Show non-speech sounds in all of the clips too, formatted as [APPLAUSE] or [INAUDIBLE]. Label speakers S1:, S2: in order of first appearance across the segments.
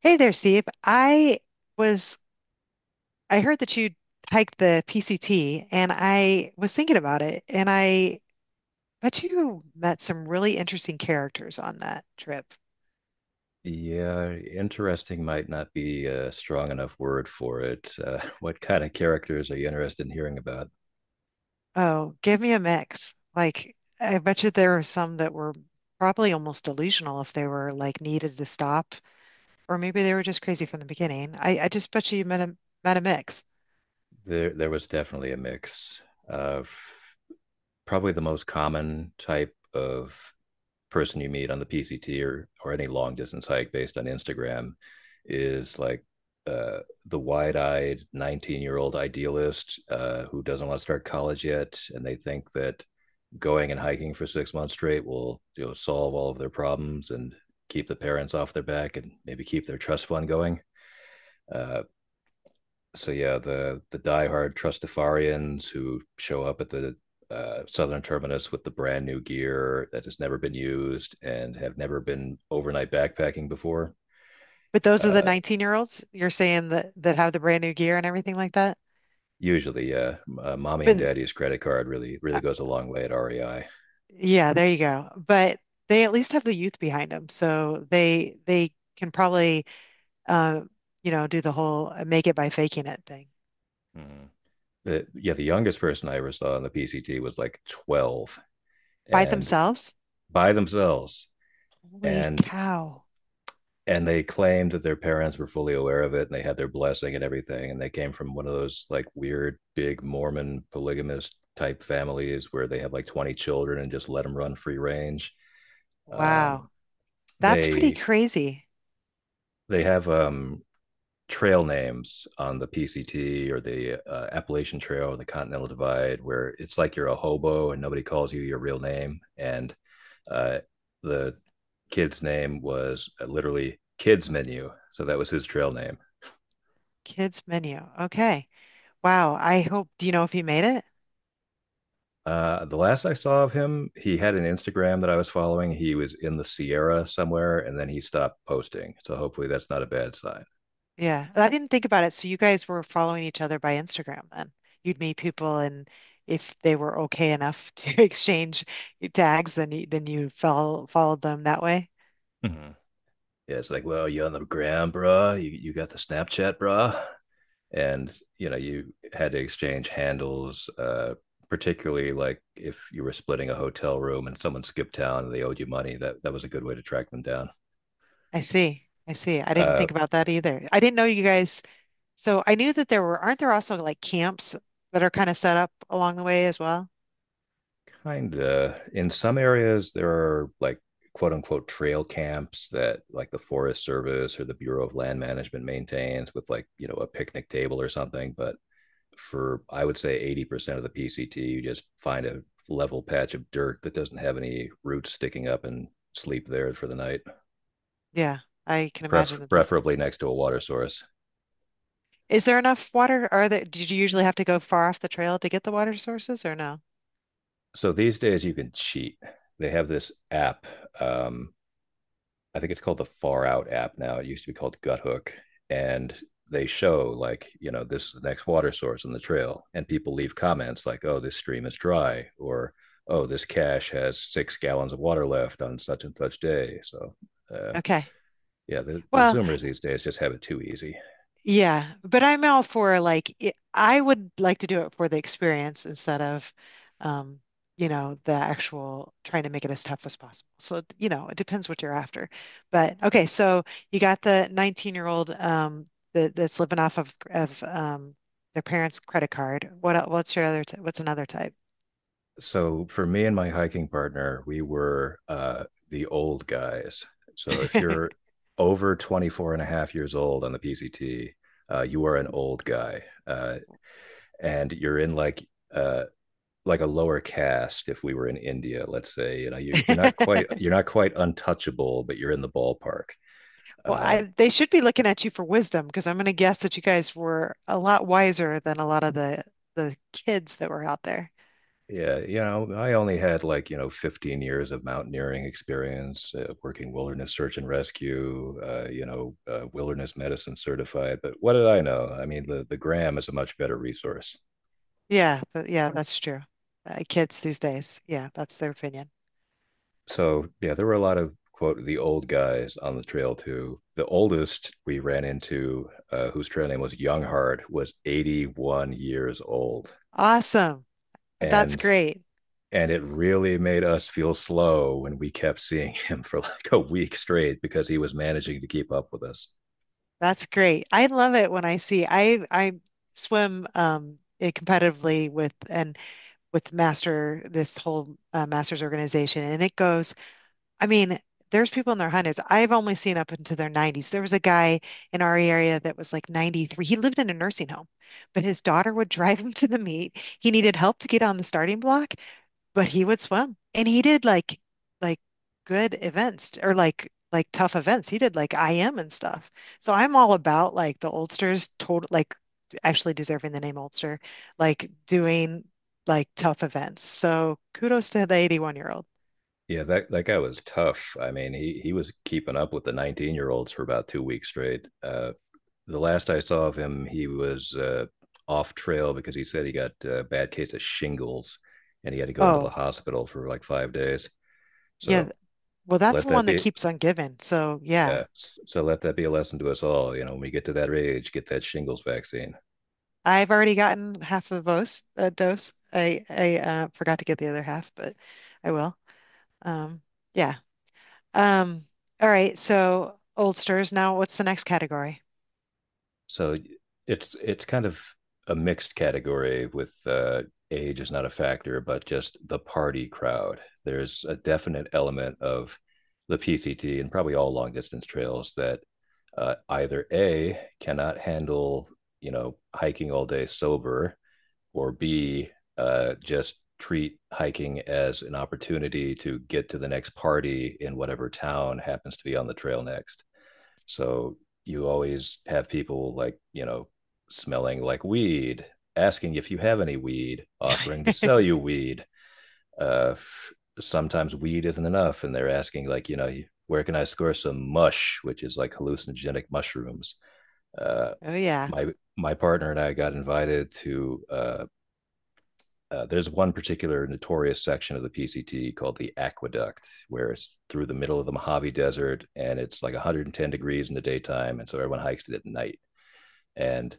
S1: Hey there, Steve. Was I heard that you hiked the PCT, and I was thinking about it, and I bet you met some really interesting characters on that trip.
S2: Yeah, interesting might not be a strong enough word for it. [LAUGHS] What kind of characters are you interested in hearing about?
S1: Oh, give me a mix. Like, I bet you there were some that were probably almost delusional if they were like needed to stop, or maybe they were just crazy from the beginning. I just bet you you met a mix.
S2: There was definitely a mix of probably the most common type of person you meet on the PCT or any long distance hike based on Instagram is like uh, the wide eyed 19-year-old idealist who doesn't want to start college yet. And they think that going and hiking for 6 months straight will solve all of their problems and keep the parents off their back and maybe keep their trust fund going. Uh, so yeah, the diehard Trustafarians who show up at the southern terminus with the brand new gear that has never been used and have never been overnight backpacking before.
S1: But those are the
S2: Uh,
S1: 19-year-olds you're saying that have the brand new gear and everything like that.
S2: Usually, yeah. Mommy and
S1: But
S2: daddy's credit card really goes a long way at REI.
S1: Yeah, there you go. But they at least have the youth behind them, so they can probably uh, you know, do the whole make it by faking it thing.
S2: Mhm. The youngest person I ever saw on the PCT was like 12
S1: Fight
S2: and
S1: themselves?
S2: by themselves.
S1: Holy
S2: And
S1: cow.
S2: and they claimed that their parents were fully aware of it and they had their blessing and everything, and they came from one of those like weird big mormon polygamist type families where they have like 20 children and just let them run free range. um,
S1: Wow. That's pretty
S2: they
S1: crazy.
S2: they have trail names on the PCT or the Appalachian Trail or the Continental Divide where it's like you're a hobo and nobody calls you your real name. And uh, the kid's name was literally kids menu, so that was his trail name.
S1: Kids menu. Okay. Wow. I hope, do you know if he made it?
S2: The last I saw of him, he had an Instagram that I was following. He was in the Sierra somewhere, and then he stopped posting. So hopefully that's not a bad sign.
S1: Yeah. I didn't think about it. So you guys were following each other by Instagram then. You'd meet people, and if they were okay enough to [LAUGHS] exchange tags, then you followed them that way.
S2: Mhm. Yeah, it's like, well, you on the gram, bruh? You got the Snapchat, bruh? And You know, you had to exchange handles, particularly like if you were splitting a hotel room and someone skipped town and they owed you money. That was a good way to track them down.
S1: I see. I see. I didn't
S2: uh
S1: think about that either. I didn't know you guys. So I knew that there were, aren't there also like camps that are kind of set up along the way as well?
S2: Kind of, in some areas there are like quote unquote trail camps that like the forest service or the Bureau of Land Management maintains with like a picnic table or something. But for I would say 80% of the PCT, you just find a level patch of dirt that doesn't have any roots sticking up and sleep there for the night,
S1: Yeah, I can
S2: pref-
S1: imagine that.
S2: preferably next to a water source.
S1: Is there enough water? Are there, did you usually have to go far off the trail to get the water sources or no?
S2: So these days you can cheat. They have this app. Um, I think it's called the Far Out app now. It used to be called Gut Hook, and they show like this is the next water source on the trail, and people leave comments like, "Oh, this stream is dry," or "Oh, this cache has 6 gallons of water left on such and such day." So uh,
S1: Okay.
S2: yeah, the, the
S1: Well,
S2: Zoomers these days just have it too easy.
S1: yeah, but I'm all for like it, I would like to do it for the experience instead of, um, you know, the actual trying to make it as tough as possible. So, you know, it depends what you're after. But okay, so you got the 19-year-old that's living off of their parents' credit card. What's your other t what's another type?
S2: So for me and my hiking partner, we were the old guys. So if you're
S1: [LAUGHS]
S2: over 24 and a half years old on the PCT, you are an old guy, and you're in uh, like a lower caste. If we were in India, let's say, you're not quite untouchable, but you're in the ballpark.
S1: Well,
S2: Uh,
S1: I they should be looking at you for wisdom, because I'm going to guess that you guys were a lot wiser than a lot of the kids that were out there.
S2: Yeah, I only had like, 15 years of mountaineering experience, working wilderness search and rescue, wilderness medicine certified. But what did I know? I mean, the Gram is a much better resource.
S1: Yeah, but yeah, that's true. Kids these days, yeah, that's their opinion.
S2: So, yeah, there were a lot of quote the old guys on the trail too. The oldest we ran into, whose trail name was Younghart, was 81 years old.
S1: Awesome. That's
S2: And
S1: great.
S2: and it really made us feel slow when we kept seeing [LAUGHS] him for like a week straight because he was managing to keep up with us.
S1: That's great. I love it when I see I swim competitively with and with Master this whole Masters organization, and it goes, I mean, there's people in their hundreds. I've only seen up into their 90s. There was a guy in our area that was like 93. He lived in a nursing home, but his daughter would [LAUGHS] drive him to the meet. He needed help to get on the starting block, but he would swim, and he did like like good events, or like tough events. He did like IM and stuff. So I'm all about like the Ulsters total, like actually deserving the name Ulster, like doing tough events. So kudos to the 81-year-old.
S2: Yeah, that guy was tough. I mean, he was keeping up with the 19-year-olds for about 2 weeks straight. The last I saw of him, he was off trail because he said he got a bad case of shingles and he had to go into the
S1: Oh,
S2: hospital for like 5 days.
S1: yeah.
S2: So
S1: Well, that's
S2: let
S1: the
S2: that
S1: one that
S2: be
S1: keeps on giving. So yeah,
S2: Yeah. So let that be a lesson to us all. You know, when we get to that age, get that shingles vaccine.
S1: I've already gotten half of those a dose. I forgot to get the other half, but I will. Um, yeah. Um, all right, so oldsters. Now, what's the next category?
S2: So it's kind of a mixed category with, age is not a factor, but just the party crowd. There's a definite element of the PCT and probably all long distance trails that either A cannot handle hiking all day sober, or B just treat hiking as an opportunity to get to the next party in whatever town happens to be on the trail next. So you always have people like, you know, smelling like weed, asking if you have any weed, offering to sell you
S1: [LAUGHS]
S2: weed. Uh, Sometimes weed isn't enough, and they're asking, like, you know, where can I score some mush, which is like hallucinogenic mushrooms. Uh,
S1: Oh yeah.
S2: my partner and I got invited to there's one particular notorious section of the PCT called the aqueduct, where it's through the middle of the Mojave Desert and it's like 110 degrees in the daytime. And so everyone hikes it at night. And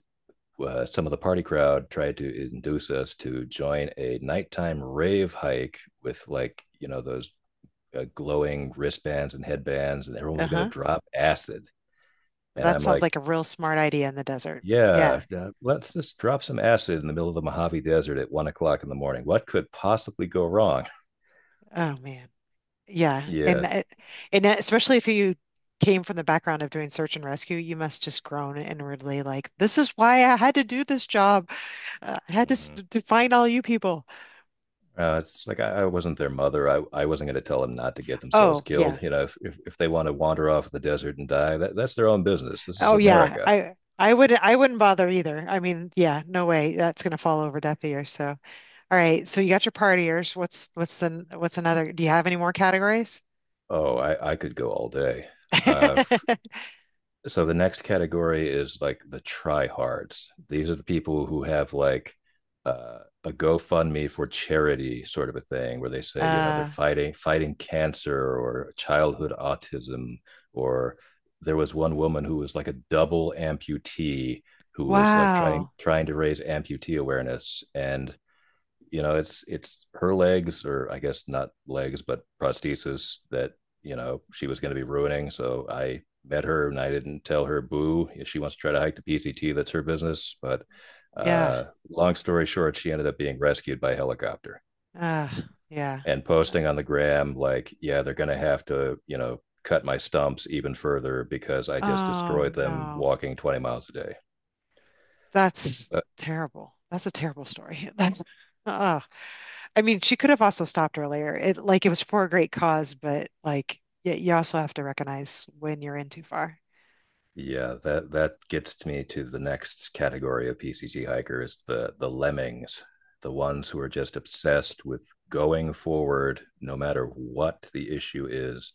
S2: Some of the party crowd tried to induce us to join a nighttime rave hike with, like, you know, those glowing wristbands and headbands, and everyone was going to
S1: Uh-huh.
S2: drop acid. And
S1: That
S2: I'm
S1: sounds
S2: like,
S1: like a real smart idea in the desert.
S2: yeah,
S1: Yeah.
S2: let's just drop some acid in the middle of the Mojave Desert at 1 o'clock in the morning. What could possibly go wrong?
S1: Oh man. Yeah.
S2: Yeah,
S1: And especially if you came from the background of doing search and rescue, you must just groan inwardly like, this is why I had to do this job. I had to s-
S2: Mhm.
S1: to find all you people.
S2: It's like I wasn't their mother. I wasn't going to tell them not to get themselves
S1: Oh
S2: killed.
S1: yeah.
S2: You know, if they want to wander off the desert and die, that's their own business. This is
S1: Oh yeah.
S2: America.
S1: I would I wouldn't bother either. I mean, yeah, no way. That's gonna fall over deaf ears. So. All right, so you got your partiers. What's another? Do you have any more categories?
S2: Oh, I could go all day. Uh,
S1: [LAUGHS]
S2: so the next category is like the tryhards. These are the people who have like uh, a GoFundMe for charity sort of a thing, where they say they're
S1: Uh,
S2: fighting cancer or childhood autism, or there was one woman who was like a double amputee who was like trying
S1: wow.
S2: trying to raise amputee awareness, and it's her legs, or I guess not legs, but prosthesis, that she was going to be ruining. So I met her and I didn't tell her boo. If she wants to try to hike the PCT, that's her business. But
S1: Yeah.
S2: long story short, she ended up being rescued by helicopter
S1: Uh, yeah.
S2: and
S1: Uh,
S2: posting on the gram like, yeah, they're going to have to cut my stumps even further because I just
S1: oh
S2: destroyed them
S1: no.
S2: walking 20 miles a day.
S1: That's
S2: so
S1: terrible. That's a terrible story. [LAUGHS] That's oh. I mean, she could have also stopped earlier. It like it was for a great cause, but like yeah, you also have to recognize when you're in too far.
S2: Yeah, that gets me to the next category of PCT hikers, the lemmings, the ones who are just obsessed with going forward no matter what the issue is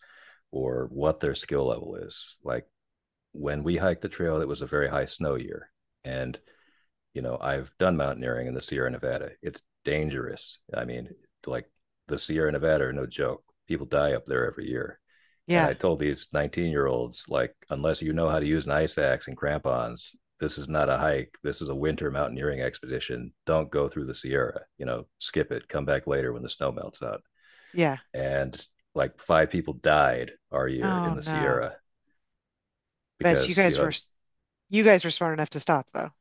S2: or what their skill level is. Like when we hiked the trail, it was a very high snow year, and I've done mountaineering in the Sierra Nevada. It's dangerous. I mean, like the Sierra Nevada are no joke. People die up there every year. And I
S1: Yeah.
S2: told these 19-year-olds, like, unless you know how to use an ice axe and crampons, this is not a hike. This is a winter mountaineering expedition. Don't go through the Sierra, you know, skip it. Come back later when the snow melts out.
S1: Yeah.
S2: And like five people died our year
S1: Oh
S2: in the
S1: no.
S2: Sierra
S1: But you
S2: because,
S1: guys were you guys were smart enough to stop though.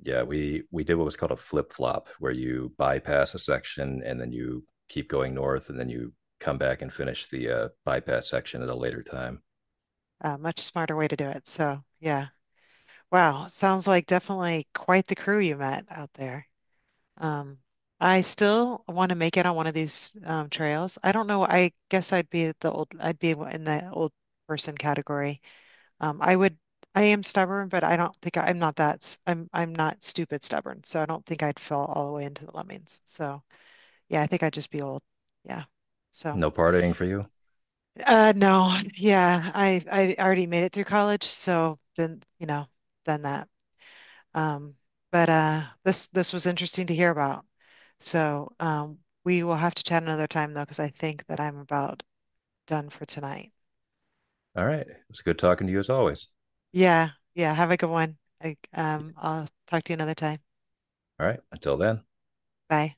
S2: Yeah, we did what was called a flip flop, where you bypass a section and then you keep going north, and then you come back and finish the bypass section at a later time.
S1: A much smarter way to do it. So, yeah. Wow. Sounds like definitely quite the crew you met out there. Um, I still want to make it on one of these trails. I don't know. I guess I'd be the I'd be in the old person category. Um, I would, I am stubborn, but I don't think am not I'm not stupid stubborn. So I don't think I'd fall all the way into the lemmings. So yeah, I think I'd just be old. Yeah. So.
S2: No partying for you.
S1: No, yeah, I already made it through college, so then you know, done that. Um, but this was interesting to hear about. So we will have to chat another time though, because I think that I'm about done for tonight.
S2: All right, it was good talking to you as always.
S1: Yeah, yeah. Have a good one. I'll talk to you another time.
S2: All right, until then.
S1: Bye.